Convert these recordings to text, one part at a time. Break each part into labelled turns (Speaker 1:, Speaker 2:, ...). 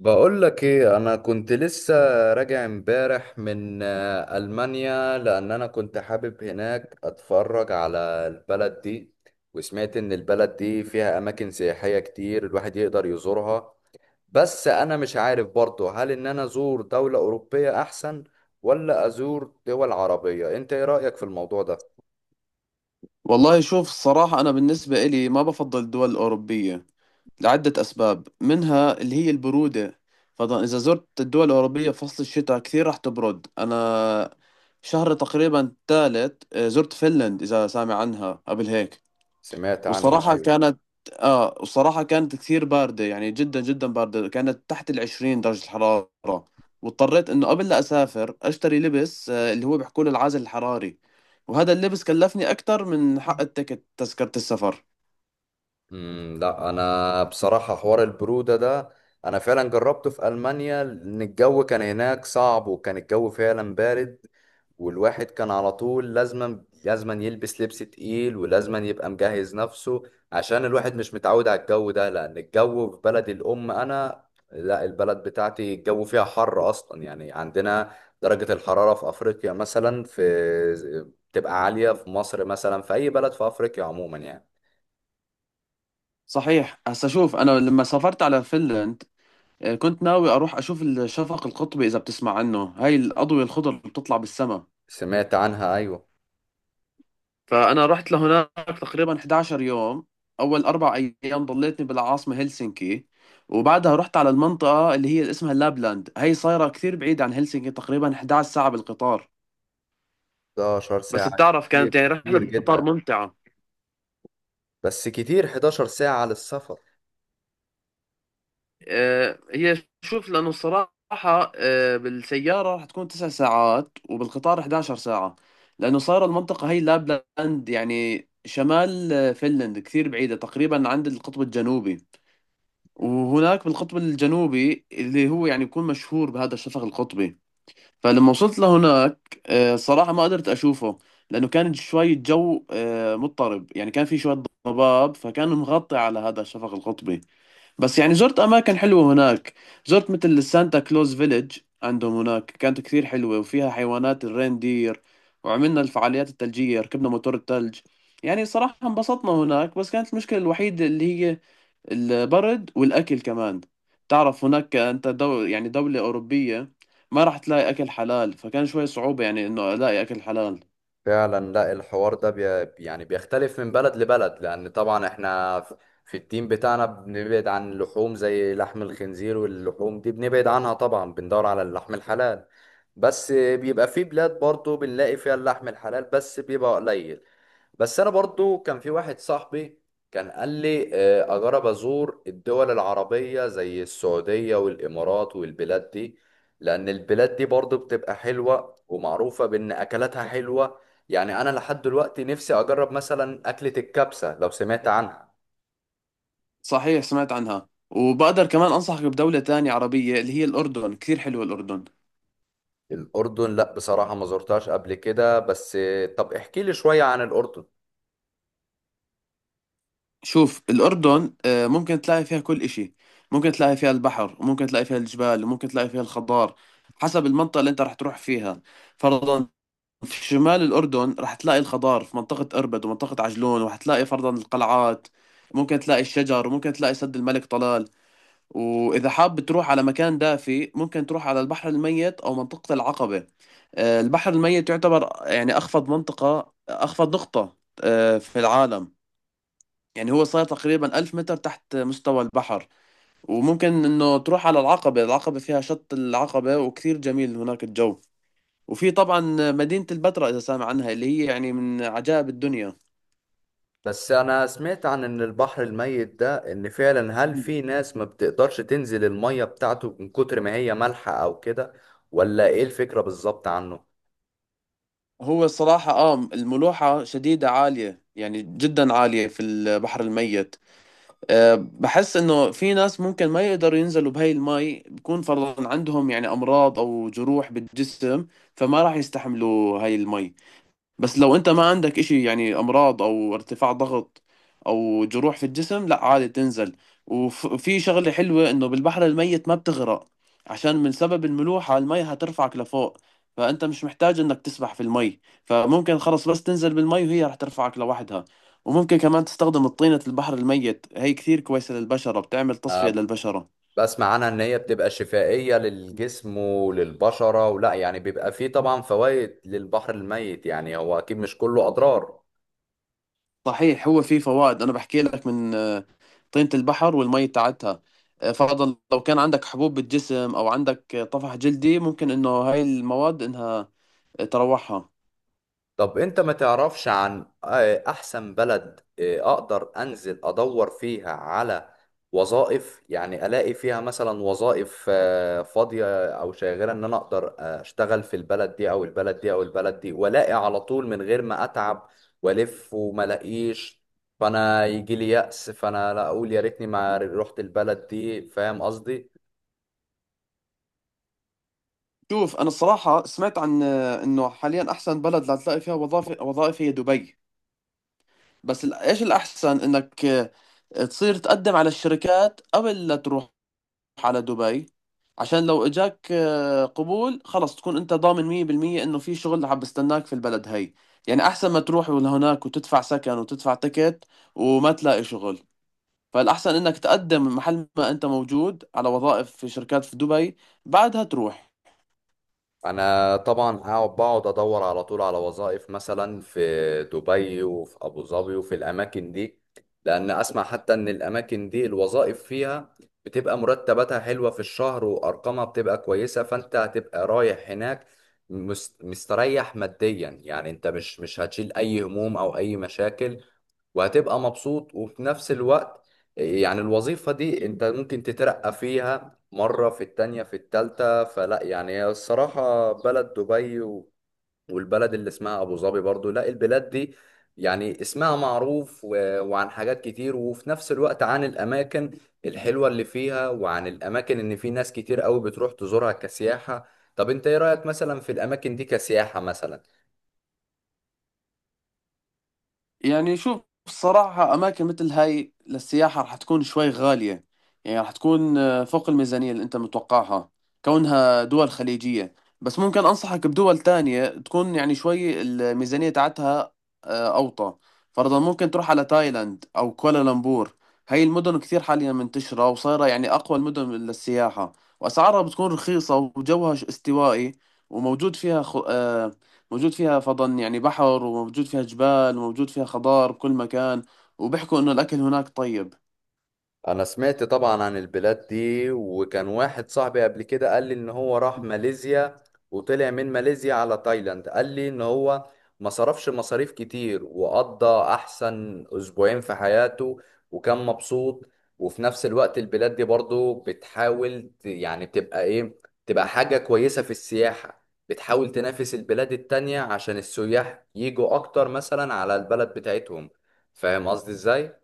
Speaker 1: بقول لك ايه؟ انا كنت لسه راجع امبارح من المانيا، لان انا كنت حابب هناك اتفرج على البلد دي. وسمعت ان البلد دي فيها اماكن سياحية كتير الواحد يقدر يزورها. بس انا مش عارف برضه، هل ان انا ازور دولة اوروبية احسن ولا ازور دول عربية؟ انت ايه رأيك في الموضوع ده؟
Speaker 2: والله شوف الصراحة أنا بالنسبة إلي ما بفضل الدول الأوروبية لعدة أسباب منها اللي هي البرودة. فطبعا إذا زرت الدول الأوروبية فصل الشتاء كثير راح تبرد. أنا شهر تقريبا ثالث زرت فنلند، إذا سامع عنها قبل هيك.
Speaker 1: سمعت عنها،
Speaker 2: وصراحة
Speaker 1: أيوة.
Speaker 2: كانت وصراحة كانت كثير باردة، يعني جدا جدا باردة، كانت تحت 20 درجة الحرارة. واضطريت إنه قبل لا أسافر أشتري لبس اللي هو بيحكوا له العازل الحراري. وهذا اللبس كلفني أكثر من حق تذكرة السفر.
Speaker 1: لا انا بصراحه حوار البروده ده انا فعلا جربته في المانيا، لان الجو كان هناك صعب وكان الجو فعلا بارد. والواحد كان على طول لازما يلبس لبس تقيل ولازما يبقى مجهز نفسه، عشان الواحد مش متعود على الجو ده. لان الجو في بلد الام انا، لا، البلد بتاعتي الجو فيها حر اصلا. يعني عندنا درجه الحراره في افريقيا مثلا في، بتبقى عاليه. في مصر مثلا، في اي بلد في افريقيا عموما يعني.
Speaker 2: صحيح هسا شوف، أنا لما سافرت على فنلند كنت ناوي أروح أشوف الشفق القطبي، إذا بتسمع عنه، هاي الأضوية الخضر اللي بتطلع بالسما.
Speaker 1: سمعت عنها، ايوه.
Speaker 2: فأنا رحت لهناك تقريبا 11 يوم. أول أربع أيام ضليتني بالعاصمة هلسنكي، وبعدها رحت على المنطقة اللي اسمها لابلاند. هي صايرة كثير بعيدة عن هلسنكي، تقريبا 11 ساعة بالقطار.
Speaker 1: 11
Speaker 2: بس
Speaker 1: ساعة؟
Speaker 2: بتعرف كانت
Speaker 1: كتير،
Speaker 2: يعني رحلة
Speaker 1: كتير
Speaker 2: القطار
Speaker 1: جدا.
Speaker 2: ممتعة.
Speaker 1: بس كتير 11 ساعة للسفر.
Speaker 2: هي شوف، لأنه الصراحة بالسيارة رح تكون 9 ساعات وبالقطار 11 ساعة. لأنه صايرة المنطقة هي لابلاند، يعني شمال فنلند، كثير بعيدة، تقريبا عند القطب الجنوبي. وهناك بالقطب الجنوبي اللي هو يعني يكون مشهور بهذا الشفق القطبي. فلما وصلت لهناك صراحة ما قدرت أشوفه، لأنه كان شوي الجو مضطرب، يعني كان في شوية ضباب فكان مغطي على هذا الشفق القطبي. بس يعني زرت أماكن حلوة هناك، زرت مثل السانتا كلوز فيليج عندهم هناك، كانت كثير حلوة وفيها حيوانات الريندير، وعملنا الفعاليات الثلجية، ركبنا موتور الثلج. يعني صراحة انبسطنا هناك، بس كانت المشكلة الوحيدة اللي هي البرد والأكل كمان. تعرف هناك أنت يعني دولة أوروبية، ما راح تلاقي أكل حلال، فكان شوي صعوبة يعني إنه ألاقي أكل حلال.
Speaker 1: فعلا، لا الحوار ده بي يعني بيختلف من بلد لبلد، لأن طبعا احنا في التيم بتاعنا بنبعد عن اللحوم زي لحم الخنزير واللحوم دي، بنبعد عنها طبعا، بندور على اللحم الحلال. بس بيبقى في بلاد برضو بنلاقي فيها اللحم الحلال بس بيبقى قليل. بس انا برضو كان في واحد صاحبي كان قال لي اجرب ازور الدول العربية زي السعودية والامارات والبلاد دي، لان البلاد دي برضو بتبقى حلوة ومعروفة بان اكلاتها حلوة. يعني انا لحد دلوقتي نفسي اجرب مثلا اكلة الكبسة، لو سمعت عنها.
Speaker 2: صحيح سمعت عنها، وبقدر كمان أنصحك بدولة تانية عربية اللي هي الأردن، كثير حلوة الأردن.
Speaker 1: الاردن، لا بصراحة ما زرتهاش قبل كده، بس طب احكي لي شوية عن الاردن.
Speaker 2: شوف الأردن ممكن تلاقي فيها كل إشي، ممكن تلاقي فيها البحر، وممكن تلاقي فيها الجبال، وممكن تلاقي فيها الخضار، حسب المنطقة اللي أنت راح تروح فيها. فرضا في شمال الأردن راح تلاقي الخضار في منطقة أربد ومنطقة عجلون، وراح تلاقي فرضا القلعات، ممكن تلاقي الشجر، وممكن تلاقي سد الملك طلال. وإذا حاب تروح على مكان دافي، ممكن تروح على البحر الميت أو منطقة العقبة. البحر الميت يعتبر يعني أخفض منطقة، أخفض نقطة في العالم. يعني هو صار تقريبا 1000 متر تحت مستوى البحر. وممكن إنه تروح على العقبة. العقبة فيها شط العقبة وكثير جميل هناك الجو. وفي طبعا مدينة البتراء، إذا سامع عنها، اللي هي يعني من عجائب الدنيا.
Speaker 1: بس انا سمعت عن ان البحر الميت ده ان فعلا هل
Speaker 2: مم.
Speaker 1: في ناس ما بتقدرش تنزل المية بتاعته من كتر ما هي مالحة او كده؟ ولا ايه الفكرة بالظبط عنه؟
Speaker 2: هو الصراحة الملوحة شديدة عالية، يعني جدا عالية في البحر الميت. أه بحس إنه في ناس ممكن ما يقدروا ينزلوا بهاي المي، بكون فرضا عندهم يعني أمراض أو جروح بالجسم، فما راح يستحملوا هاي المي. بس لو انت ما عندك اشي يعني امراض او ارتفاع ضغط او جروح في الجسم، لا عادي تنزل. وفي شغلة حلوة، انه بالبحر الميت ما بتغرق، عشان من سبب الملوحة المي هترفعك لفوق، فانت مش محتاج انك تسبح في المي، فممكن خلص بس تنزل بالمي وهي رح ترفعك لوحدها. وممكن كمان تستخدم طينة البحر الميت، هي كثير كويسة للبشرة، بتعمل تصفية
Speaker 1: أه،
Speaker 2: للبشرة.
Speaker 1: بسمع عنها ان هي بتبقى شفائية للجسم وللبشرة، ولا يعني بيبقى فيه طبعا فوائد للبحر الميت؟ يعني هو اكيد مش كله اضرار.
Speaker 2: صحيح هو في فوائد، انا بحكي لك من طينة البحر والمي تاعتها. فرضا لو كان عندك حبوب بالجسم، او عندك طفح جلدي، ممكن انه هاي المواد انها تروحها.
Speaker 1: طب انت ما تعرفش عن احسن بلد اقدر انزل ادور فيها على وظائف؟ يعني الاقي فيها مثلا وظائف فاضية او شاغرة، ان انا اقدر اشتغل في البلد دي او البلد دي او البلد دي، والاقي على طول من غير ما اتعب والف وما الاقيش فانا يجي لي يأس فانا لا اقول يا ريتني ما رحت البلد دي. فاهم قصدي؟
Speaker 2: شوف انا الصراحة سمعت عن انه حاليا احسن بلد لتلاقي فيها وظائف هي دبي. بس ايش الاحسن انك تصير تقدم على الشركات قبل لا تروح على دبي. عشان لو اجاك قبول، خلص تكون انت ضامن 100% انه في شغل عم بستناك في البلد هي. يعني احسن ما تروح لهناك وتدفع سكن وتدفع تكت وما تلاقي شغل. فالاحسن انك تقدم محل ما انت موجود على وظائف في شركات في دبي، بعدها تروح.
Speaker 1: انا طبعا هقعد، بقعد ادور على طول على وظائف مثلا في دبي وفي ابو ظبي وفي الاماكن دي. لان اسمع حتى ان الاماكن دي الوظائف فيها بتبقى مرتباتها حلوة في الشهر، وارقامها بتبقى كويسة، فانت هتبقى رايح هناك مستريح ماديا. يعني انت مش هتشيل اي هموم او اي مشاكل، وهتبقى مبسوط. وفي نفس الوقت يعني الوظيفة دي انت ممكن تترقى فيها مرة في التانية في التالتة. فلا يعني هي الصراحة بلد دبي والبلد اللي اسمها أبو ظبي برضو، لا البلاد دي يعني اسمها معروف وعن حاجات كتير، وفي نفس الوقت عن الأماكن الحلوة اللي فيها، وعن الأماكن إن في ناس كتير قوي بتروح تزورها كسياحة. طب انت ايه رأيك مثلا في الأماكن دي كسياحة مثلا؟
Speaker 2: يعني شوف الصراحة أماكن مثل هاي للسياحة رح تكون شوي غالية، يعني رح تكون فوق الميزانية اللي أنت متوقعها، كونها دول خليجية. بس ممكن أنصحك بدول تانية تكون يعني شوي الميزانية تاعتها أوطى. فرضا ممكن تروح على تايلاند أو كوالالمبور، هاي المدن كثير حاليا منتشرة، وصايرة يعني أقوى المدن للسياحة، وأسعارها بتكون رخيصة، وجوها استوائي، وموجود فيها خ... آه، موجود فيها فضن يعني بحر، وموجود فيها جبال، وموجود فيها خضار بكل مكان، وبيحكوا إنه الأكل هناك طيب.
Speaker 1: انا سمعت طبعا عن البلاد دي، وكان واحد صاحبي قبل كده قال لي ان هو راح ماليزيا، وطلع من ماليزيا على تايلاند، قال لي ان هو ما صرفش مصاريف كتير، وقضى احسن اسبوعين في حياته، وكان مبسوط. وفي نفس الوقت البلاد دي برضو بتحاول يعني بتبقى ايه، تبقى حاجة كويسة في السياحة، بتحاول تنافس البلاد التانية عشان السياح يجوا اكتر مثلا على البلد بتاعتهم. فاهم قصدي ازاي؟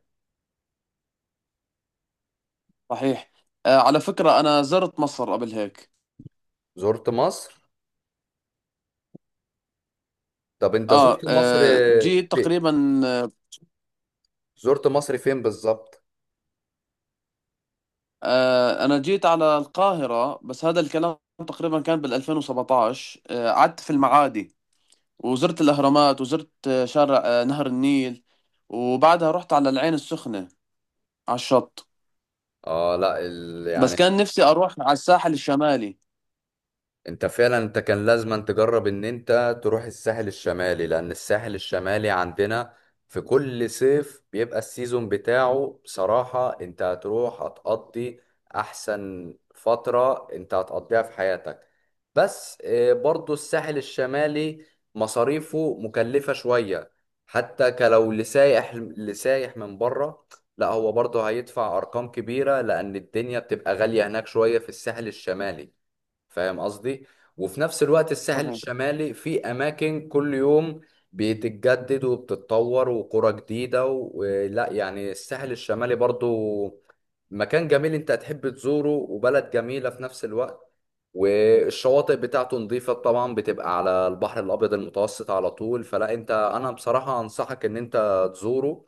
Speaker 2: صحيح. على فكرة أنا زرت مصر قبل هيك.
Speaker 1: زرت مصر؟ طب انت
Speaker 2: آه,
Speaker 1: زرت مصر
Speaker 2: آه جيت
Speaker 1: في...
Speaker 2: تقريبا
Speaker 1: زرت مصر فين بالظبط؟
Speaker 2: أنا جيت على القاهرة، بس هذا الكلام تقريبا كان بال 2017. قعدت في المعادي، وزرت الأهرامات، وزرت شارع نهر النيل، وبعدها رحت على العين السخنة على الشط.
Speaker 1: اه، لا ال...
Speaker 2: بس
Speaker 1: يعني
Speaker 2: كان نفسي أروح على الساحل الشمالي.
Speaker 1: انت فعلا انت كان لازم أن تجرب ان انت تروح الساحل الشمالي. لان الساحل الشمالي عندنا في كل صيف بيبقى السيزون بتاعه. بصراحة انت هتروح هتقضي احسن فترة انت هتقضيها في حياتك. بس برضو الساحل الشمالي مصاريفه مكلفة شوية، حتى كلو لسايح، لسايح من بره لا هو برضه هيدفع ارقام كبيرة، لان الدنيا بتبقى غالية هناك شوية في الساحل الشمالي. فاهم قصدي؟ وفي نفس الوقت الساحل
Speaker 2: صحيح.
Speaker 1: الشمالي في اماكن كل يوم بتتجدد وبتتطور وقرى جديده ولا يعني الساحل الشمالي برضو مكان جميل انت هتحب تزوره، وبلد جميله في نفس الوقت، والشواطئ بتاعته نظيفه طبعا، بتبقى على البحر الابيض المتوسط على طول. فلا انت، انا بصراحه انصحك ان انت تزوره.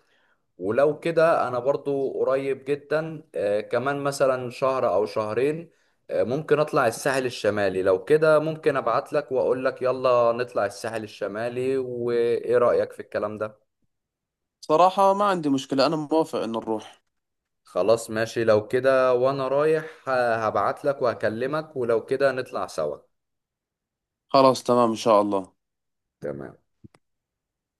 Speaker 1: ولو كده انا برضو قريب جدا كمان مثلا شهر او شهرين، ممكن اطلع الساحل الشمالي. لو كده ممكن ابعت لك واقول لك يلا نطلع الساحل الشمالي. وايه رأيك في الكلام ده؟
Speaker 2: صراحة ما عندي مشكلة، أنا موافق إن نروح.
Speaker 1: خلاص، ماشي. لو كده وانا رايح هبعت لك وهكلمك، ولو كده نطلع سوا.
Speaker 2: خلاص، تمام إن شاء الله.
Speaker 1: تمام.